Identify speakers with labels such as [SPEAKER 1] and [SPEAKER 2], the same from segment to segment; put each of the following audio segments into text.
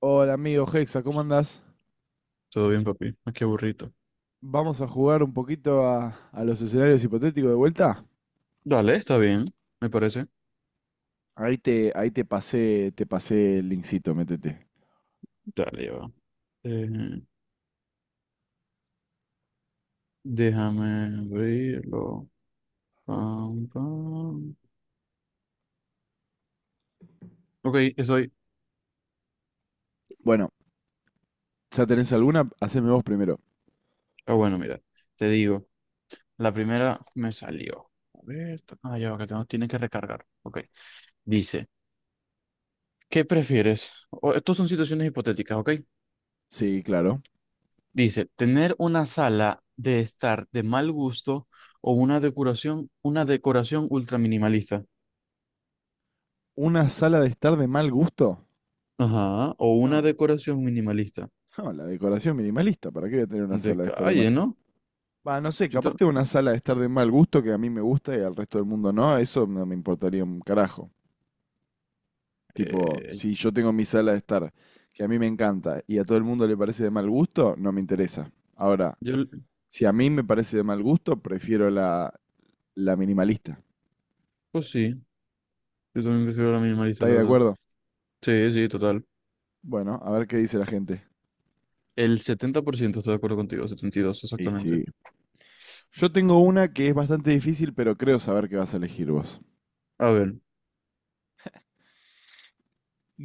[SPEAKER 1] Hola amigo Hexa, ¿cómo andás?
[SPEAKER 2] Todo bien, papi. Ah, qué burrito.
[SPEAKER 1] Vamos a jugar un poquito a los escenarios hipotéticos de vuelta.
[SPEAKER 2] Dale, está bien, me parece.
[SPEAKER 1] Ahí te pasé el linkcito, métete.
[SPEAKER 2] Dale, ya va. Eh, Déjame abrirlo. Pam, pam. Ok, estoy.
[SPEAKER 1] Bueno, ¿ya tenés alguna? Haceme vos primero.
[SPEAKER 2] Ah, bueno, mira, te digo. La primera me salió. A ver, ya va, tiene que recargar. Ok. Dice, ¿qué prefieres? Estos son situaciones hipotéticas, ¿ok?
[SPEAKER 1] Sí, claro.
[SPEAKER 2] Dice, ¿tener una sala de estar de mal gusto o una decoración ultra minimalista?
[SPEAKER 1] ¿Una sala de estar de mal gusto?
[SPEAKER 2] Ajá, o una
[SPEAKER 1] No,
[SPEAKER 2] decoración minimalista.
[SPEAKER 1] no, la decoración minimalista, ¿para qué voy a tener una
[SPEAKER 2] De
[SPEAKER 1] sala de estar de mal
[SPEAKER 2] calle,
[SPEAKER 1] gusto?
[SPEAKER 2] ¿no?
[SPEAKER 1] Va, no sé,
[SPEAKER 2] Yo,
[SPEAKER 1] capaz
[SPEAKER 2] ta-
[SPEAKER 1] tengo una sala de estar de mal gusto que a mí me gusta y al resto del mundo no, eso no me importaría un carajo. Tipo,
[SPEAKER 2] eh,
[SPEAKER 1] si yo tengo mi sala de estar, que a mí me encanta y a todo el mundo le parece de mal gusto, no me interesa. Ahora,
[SPEAKER 2] yo,
[SPEAKER 1] si a mí me parece de mal gusto, prefiero la minimalista.
[SPEAKER 2] pues sí, yo también prefiero la minimalista,
[SPEAKER 1] ¿Estáis
[SPEAKER 2] la
[SPEAKER 1] de
[SPEAKER 2] verdad.
[SPEAKER 1] acuerdo?
[SPEAKER 2] Sí, sí, total.
[SPEAKER 1] Bueno, a ver qué dice la gente.
[SPEAKER 2] El 70% está de acuerdo contigo, 72
[SPEAKER 1] Y
[SPEAKER 2] exactamente.
[SPEAKER 1] sí. Yo tengo una que es bastante difícil, pero creo saber qué vas a elegir vos.
[SPEAKER 2] A ver,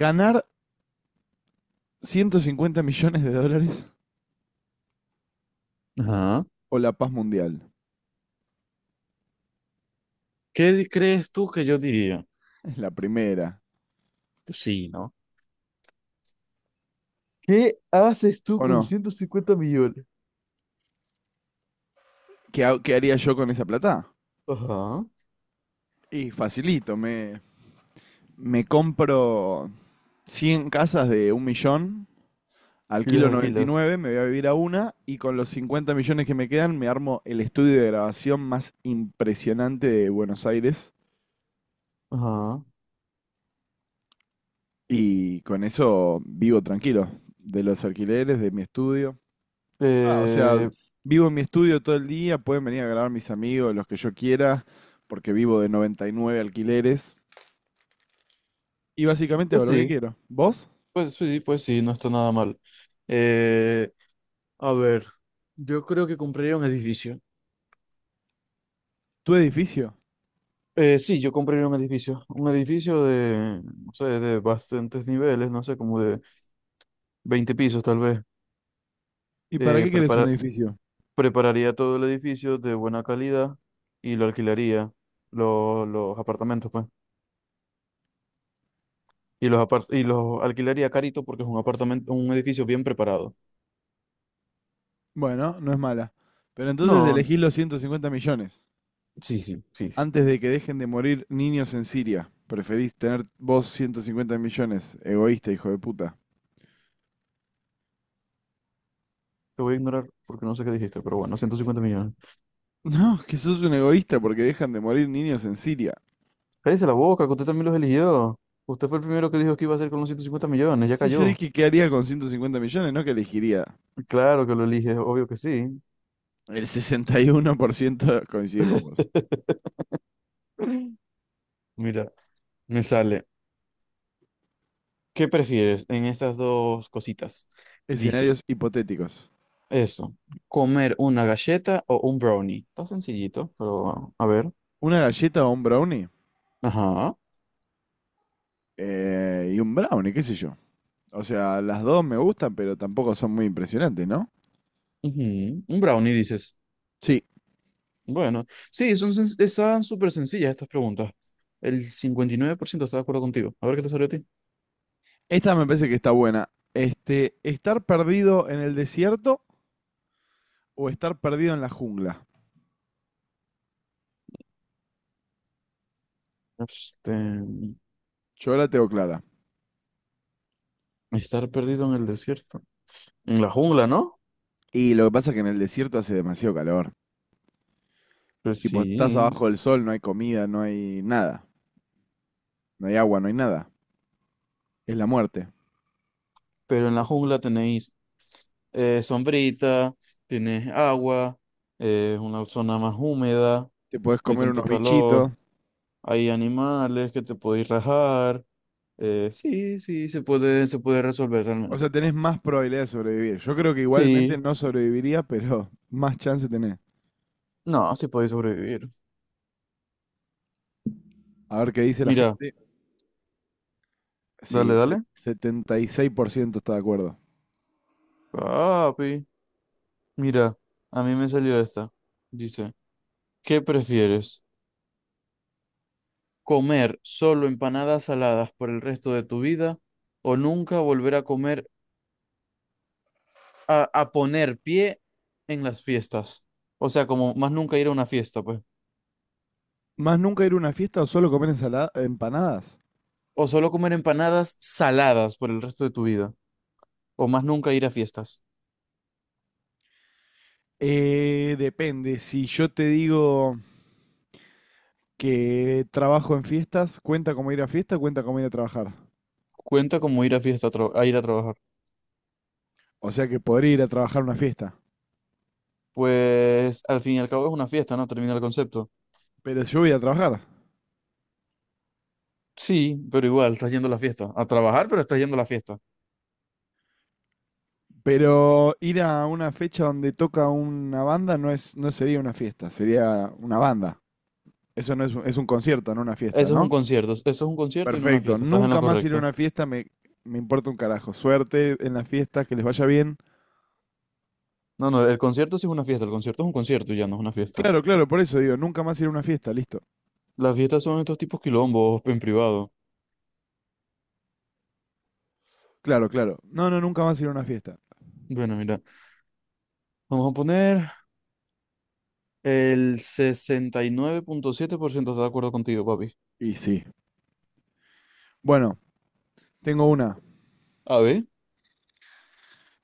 [SPEAKER 1] ¿Ganar 150 millones de dólares
[SPEAKER 2] ajá.
[SPEAKER 1] o la paz mundial?
[SPEAKER 2] ¿ Crees tú que yo diría?
[SPEAKER 1] Es la primera.
[SPEAKER 2] Pues sí, ¿no? ¿Qué haces tú
[SPEAKER 1] ¿O
[SPEAKER 2] con
[SPEAKER 1] no?
[SPEAKER 2] 150 millones?
[SPEAKER 1] ¿Qué, qué haría yo con esa plata?
[SPEAKER 2] Ajá.
[SPEAKER 1] Y facilito, me compro 100 casas de un millón,
[SPEAKER 2] Y las
[SPEAKER 1] alquilo
[SPEAKER 2] alquilas.
[SPEAKER 1] 99, me voy a vivir a una y con los 50 millones que me quedan me armo el estudio de grabación más impresionante de Buenos Aires,
[SPEAKER 2] Ajá.
[SPEAKER 1] y con eso vivo tranquilo, de los alquileres, de mi estudio. Ah, o sea,
[SPEAKER 2] Eh,
[SPEAKER 1] vivo en mi estudio todo el día, pueden venir a grabar mis amigos, los que yo quiera, porque vivo de 99 alquileres y básicamente
[SPEAKER 2] pues
[SPEAKER 1] hago lo que
[SPEAKER 2] sí,
[SPEAKER 1] quiero. ¿Vos?
[SPEAKER 2] pues sí, pues sí, no está nada mal. Eh, a ver, yo creo que compraría un edificio.
[SPEAKER 1] ¿Tu edificio?
[SPEAKER 2] Sí, yo compré un edificio de, no sé, de bastantes niveles, no sé, como de 20 pisos tal vez.
[SPEAKER 1] ¿Y para
[SPEAKER 2] Eh,
[SPEAKER 1] qué querés un
[SPEAKER 2] prepara-
[SPEAKER 1] edificio?
[SPEAKER 2] Prepararía todo el edificio de buena calidad y lo alquilaría, los apartamentos, pues. Y los alquilaría carito porque es un apartamento, un edificio bien preparado.
[SPEAKER 1] Bueno, no es mala. Pero entonces
[SPEAKER 2] No,
[SPEAKER 1] elegís los 150 millones.
[SPEAKER 2] sí, sí, sí, sí.
[SPEAKER 1] Antes de que dejen de morir niños en Siria, preferís tener vos 150 millones, egoísta, hijo de puta.
[SPEAKER 2] Te voy a ignorar porque no sé qué dijiste, pero bueno, 150 millones.
[SPEAKER 1] No, que sos un egoísta porque dejan de morir niños en Siria.
[SPEAKER 2] Cállese la boca, que usted también los eligió. Usted fue el primero que dijo que iba a hacer con los 150 millones, ya
[SPEAKER 1] Sí, yo
[SPEAKER 2] cayó.
[SPEAKER 1] dije que haría con 150 millones, no que elegiría.
[SPEAKER 2] Claro que lo eliges, obvio que sí.
[SPEAKER 1] El 61% coincide con vos.
[SPEAKER 2] Mira, me sale. ¿Qué prefieres en estas dos cositas? Dice
[SPEAKER 1] Escenarios hipotéticos.
[SPEAKER 2] eso, comer una galleta o un brownie. Está sencillito, pero a ver.
[SPEAKER 1] ¿Una galleta o un brownie?
[SPEAKER 2] Ajá.
[SPEAKER 1] Y un brownie, qué sé yo. O sea, las dos me gustan, pero tampoco son muy impresionantes, ¿no?
[SPEAKER 2] Ujú. Un brownie, dices.
[SPEAKER 1] Sí.
[SPEAKER 2] Bueno, sí, están súper sencillas estas preguntas. El 59% está de acuerdo contigo. A ver qué te salió a ti.
[SPEAKER 1] Esta me parece que está buena. Este, ¿estar perdido en el desierto o estar perdido en la jungla?
[SPEAKER 2] Este,
[SPEAKER 1] Yo la tengo clara.
[SPEAKER 2] Estar perdido en el desierto. En la jungla, ¿no?
[SPEAKER 1] Y lo que pasa es que en el desierto hace demasiado calor.
[SPEAKER 2] Pues
[SPEAKER 1] Tipo, estás
[SPEAKER 2] sí,
[SPEAKER 1] abajo del sol, no hay comida, no hay nada. No hay agua, no hay nada. Es la muerte.
[SPEAKER 2] pero en la jungla tenéis sombrita, tienes agua, una zona más húmeda,
[SPEAKER 1] Te podés
[SPEAKER 2] no hay
[SPEAKER 1] comer unos
[SPEAKER 2] tanto
[SPEAKER 1] bichitos.
[SPEAKER 2] calor, hay animales que te podéis rajar. Sí, sí, se puede resolver
[SPEAKER 1] O sea,
[SPEAKER 2] realmente.
[SPEAKER 1] tenés más probabilidad de sobrevivir. Yo creo que igualmente
[SPEAKER 2] Sí,
[SPEAKER 1] no sobreviviría, pero más chance tenés.
[SPEAKER 2] no, sí podéis sobrevivir.
[SPEAKER 1] A ver qué dice la
[SPEAKER 2] Mira,
[SPEAKER 1] gente. Sí,
[SPEAKER 2] dale, dale.
[SPEAKER 1] 76% está de acuerdo.
[SPEAKER 2] Papi, mira, a mí me salió esta. Dice, ¿qué prefieres? ¿Comer solo empanadas saladas por el resto de tu vida o nunca volver a poner pie en las fiestas? O sea, como más nunca ir a una fiesta, pues.
[SPEAKER 1] ¿Más nunca ir a una fiesta o solo comer ensalada, empanadas?
[SPEAKER 2] O solo comer empanadas saladas por el resto de tu vida. O más nunca ir a fiestas.
[SPEAKER 1] Depende. Si yo te digo que trabajo en fiestas, ¿cuenta como ir a fiesta o cuenta como ir a trabajar?
[SPEAKER 2] Cuenta como ir a fiesta, a ir a trabajar.
[SPEAKER 1] O sea que podría ir a trabajar a una fiesta.
[SPEAKER 2] Pues al fin y al cabo es una fiesta, ¿no? Termina el concepto.
[SPEAKER 1] Pero yo voy a trabajar.
[SPEAKER 2] Sí, pero igual, estás yendo a la fiesta. A trabajar, pero estás yendo a la fiesta.
[SPEAKER 1] Pero ir a una fecha donde toca una banda no es, no sería una fiesta, sería una banda. Eso no es, es un concierto, no una fiesta,
[SPEAKER 2] Eso es un
[SPEAKER 1] ¿no?
[SPEAKER 2] concierto. Eso es un concierto y no una
[SPEAKER 1] Perfecto.
[SPEAKER 2] fiesta. Estás en lo
[SPEAKER 1] Nunca más ir a
[SPEAKER 2] correcto.
[SPEAKER 1] una fiesta me importa un carajo. Suerte en las fiestas, que les vaya bien.
[SPEAKER 2] No, no, el concierto sí es una fiesta. El concierto es un concierto y ya no es una fiesta.
[SPEAKER 1] Claro, claro, por eso digo, nunca más ir a una fiesta, listo.
[SPEAKER 2] Las fiestas son estos tipos quilombos en privado.
[SPEAKER 1] Claro, claro. No, no, nunca más ir a una fiesta.
[SPEAKER 2] Bueno, mira, vamos a poner El 69.7% está de acuerdo contigo, papi.
[SPEAKER 1] Y sí. Bueno, tengo una.
[SPEAKER 2] A ver,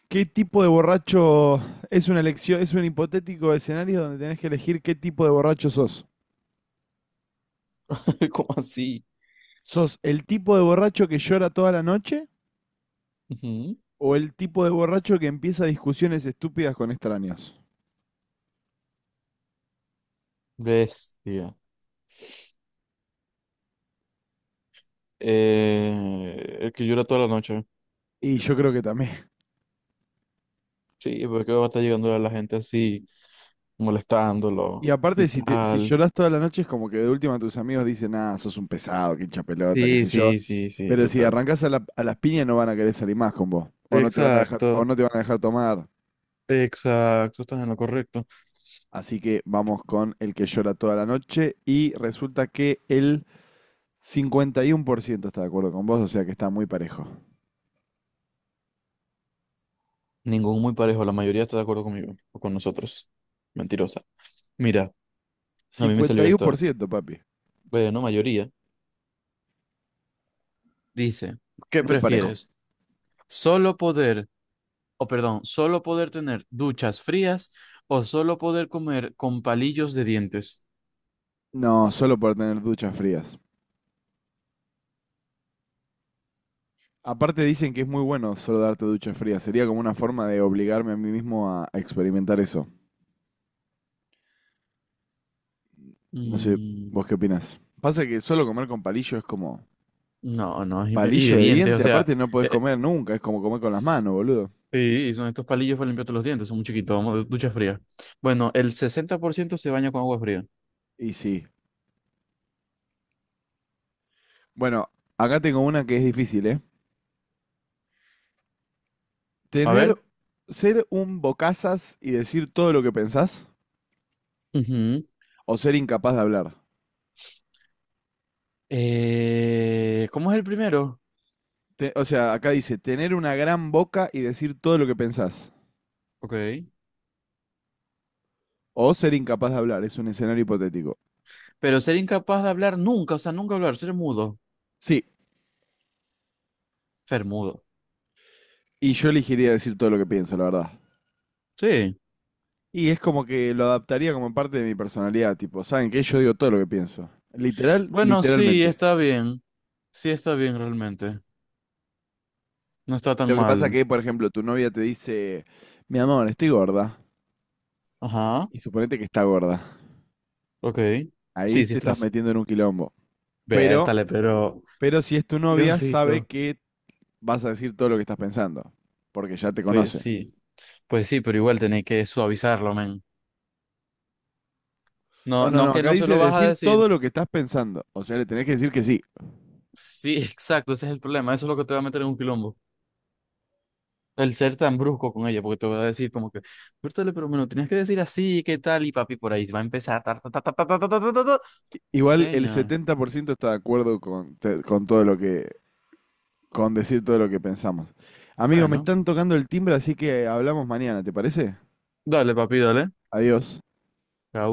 [SPEAKER 1] ¿Qué tipo de borracho es una elección, es un hipotético escenario donde tenés que elegir qué tipo de borracho sos?
[SPEAKER 2] ¿cómo así?
[SPEAKER 1] ¿Sos el tipo de borracho que llora toda la noche
[SPEAKER 2] Ujú.
[SPEAKER 1] o el tipo de borracho que empieza discusiones estúpidas con extraños?
[SPEAKER 2] Bestia. El que llora toda la noche.
[SPEAKER 1] Y yo creo que también.
[SPEAKER 2] Sí, porque va a estar llegando a la gente así,
[SPEAKER 1] Y
[SPEAKER 2] molestándolo
[SPEAKER 1] aparte,
[SPEAKER 2] y
[SPEAKER 1] si
[SPEAKER 2] tal.
[SPEAKER 1] llorás toda la noche, es como que de última tus amigos dicen, ah, sos un pesado, que hincha pelota, qué
[SPEAKER 2] Sí,
[SPEAKER 1] sé yo.
[SPEAKER 2] sí, sí, sí,
[SPEAKER 1] Pero si
[SPEAKER 2] total.
[SPEAKER 1] arrancás a las piñas, no van a querer salir más con vos. O
[SPEAKER 2] Exacto,
[SPEAKER 1] no te van a dejar tomar.
[SPEAKER 2] exacto, estás en lo correcto.
[SPEAKER 1] Así que vamos con el que llora toda la noche y resulta que el 51% está de acuerdo con vos, o sea que está muy parejo.
[SPEAKER 2] Ningún muy parejo, la mayoría está de acuerdo conmigo o con nosotros. Mentirosa. Mira, a mí me
[SPEAKER 1] Cincuenta
[SPEAKER 2] salió
[SPEAKER 1] y uno por
[SPEAKER 2] esta.
[SPEAKER 1] ciento, papi.
[SPEAKER 2] Bueno, mayoría. Dice, ¿qué
[SPEAKER 1] Muy parejo.
[SPEAKER 2] prefieres? ¿Solo poder o Perdón, solo poder tener duchas frías o solo poder comer con palillos de dientes?
[SPEAKER 1] No, solo por tener duchas frías. Aparte dicen que es muy bueno solo darte duchas frías. Sería como una forma de obligarme a mí mismo a experimentar eso. No sé,
[SPEAKER 2] Mm,
[SPEAKER 1] ¿vos qué opinás? Pasa que solo comer con palillo es como
[SPEAKER 2] no, no, y de
[SPEAKER 1] palillo de
[SPEAKER 2] dientes, o
[SPEAKER 1] diente,
[SPEAKER 2] sea,
[SPEAKER 1] aparte no podés
[SPEAKER 2] eh,
[SPEAKER 1] comer nunca, es como comer con las manos, boludo.
[SPEAKER 2] sí, son estos palillos para limpiarte los dientes, son muy chiquitos, vamos, ducha fría. Bueno, el 60% se baña con agua fría.
[SPEAKER 1] Y sí. Bueno, acá tengo una que es difícil, ¿eh?
[SPEAKER 2] A
[SPEAKER 1] Tener
[SPEAKER 2] ver,
[SPEAKER 1] ser un bocazas y decir todo lo que pensás
[SPEAKER 2] ujú,
[SPEAKER 1] o ser incapaz de hablar.
[SPEAKER 2] ¿cómo es el primero?
[SPEAKER 1] O sea, acá dice tener una gran boca y decir todo lo que pensás
[SPEAKER 2] Ok.
[SPEAKER 1] o ser incapaz de hablar, es un escenario hipotético.
[SPEAKER 2] Pero ser incapaz de hablar nunca, o sea, nunca hablar, ser mudo,
[SPEAKER 1] Sí,
[SPEAKER 2] ser mudo.
[SPEAKER 1] y yo elegiría decir todo lo que pienso, la verdad.
[SPEAKER 2] Sí,
[SPEAKER 1] Y es como que lo adaptaría como parte de mi personalidad, tipo, ¿saben qué? Yo digo todo lo que pienso.
[SPEAKER 2] bueno,
[SPEAKER 1] Literalmente.
[SPEAKER 2] sí está bien realmente. No está tan
[SPEAKER 1] Lo que pasa
[SPEAKER 2] mal.
[SPEAKER 1] que, por ejemplo, tu novia te dice, mi amor, estoy gorda.
[SPEAKER 2] Ajá,
[SPEAKER 1] Y suponete que está gorda.
[SPEAKER 2] ok.
[SPEAKER 1] Ahí
[SPEAKER 2] Sí, sí
[SPEAKER 1] te estás
[SPEAKER 2] estás.
[SPEAKER 1] metiendo en un quilombo. Pero,
[SPEAKER 2] Vértale, pero.
[SPEAKER 1] pero si es tu novia, sabe
[SPEAKER 2] Diosito.
[SPEAKER 1] que vas a decir todo lo que estás pensando, porque ya te
[SPEAKER 2] Pues
[SPEAKER 1] conoce.
[SPEAKER 2] sí, pues sí, pero igual tenés que suavizarlo, men.
[SPEAKER 1] No,
[SPEAKER 2] No,
[SPEAKER 1] no,
[SPEAKER 2] no
[SPEAKER 1] no,
[SPEAKER 2] que
[SPEAKER 1] acá
[SPEAKER 2] no se
[SPEAKER 1] dice
[SPEAKER 2] lo vas a
[SPEAKER 1] decir
[SPEAKER 2] decir.
[SPEAKER 1] todo lo que estás pensando, o sea, le tenés que decir que sí.
[SPEAKER 2] Sí, exacto, ese es el problema. Eso es lo que te va a meter en un quilombo. El ser tan brusco con ella, porque te va a decir como que, Vértale, pero me lo tenías que decir así, ¿qué tal? Y papi, por ahí va a empezar. Ta, ta, ta, ta, ta, ta, ta, ta, ta, ta, ta".
[SPEAKER 1] Igual el
[SPEAKER 2] Señor.
[SPEAKER 1] 70% está de acuerdo con todo lo que, con decir todo lo que pensamos. Amigo, me
[SPEAKER 2] Bueno,
[SPEAKER 1] están tocando el timbre, así que hablamos mañana, ¿te parece?
[SPEAKER 2] dale, papi, dale.
[SPEAKER 1] Adiós.
[SPEAKER 2] Chao.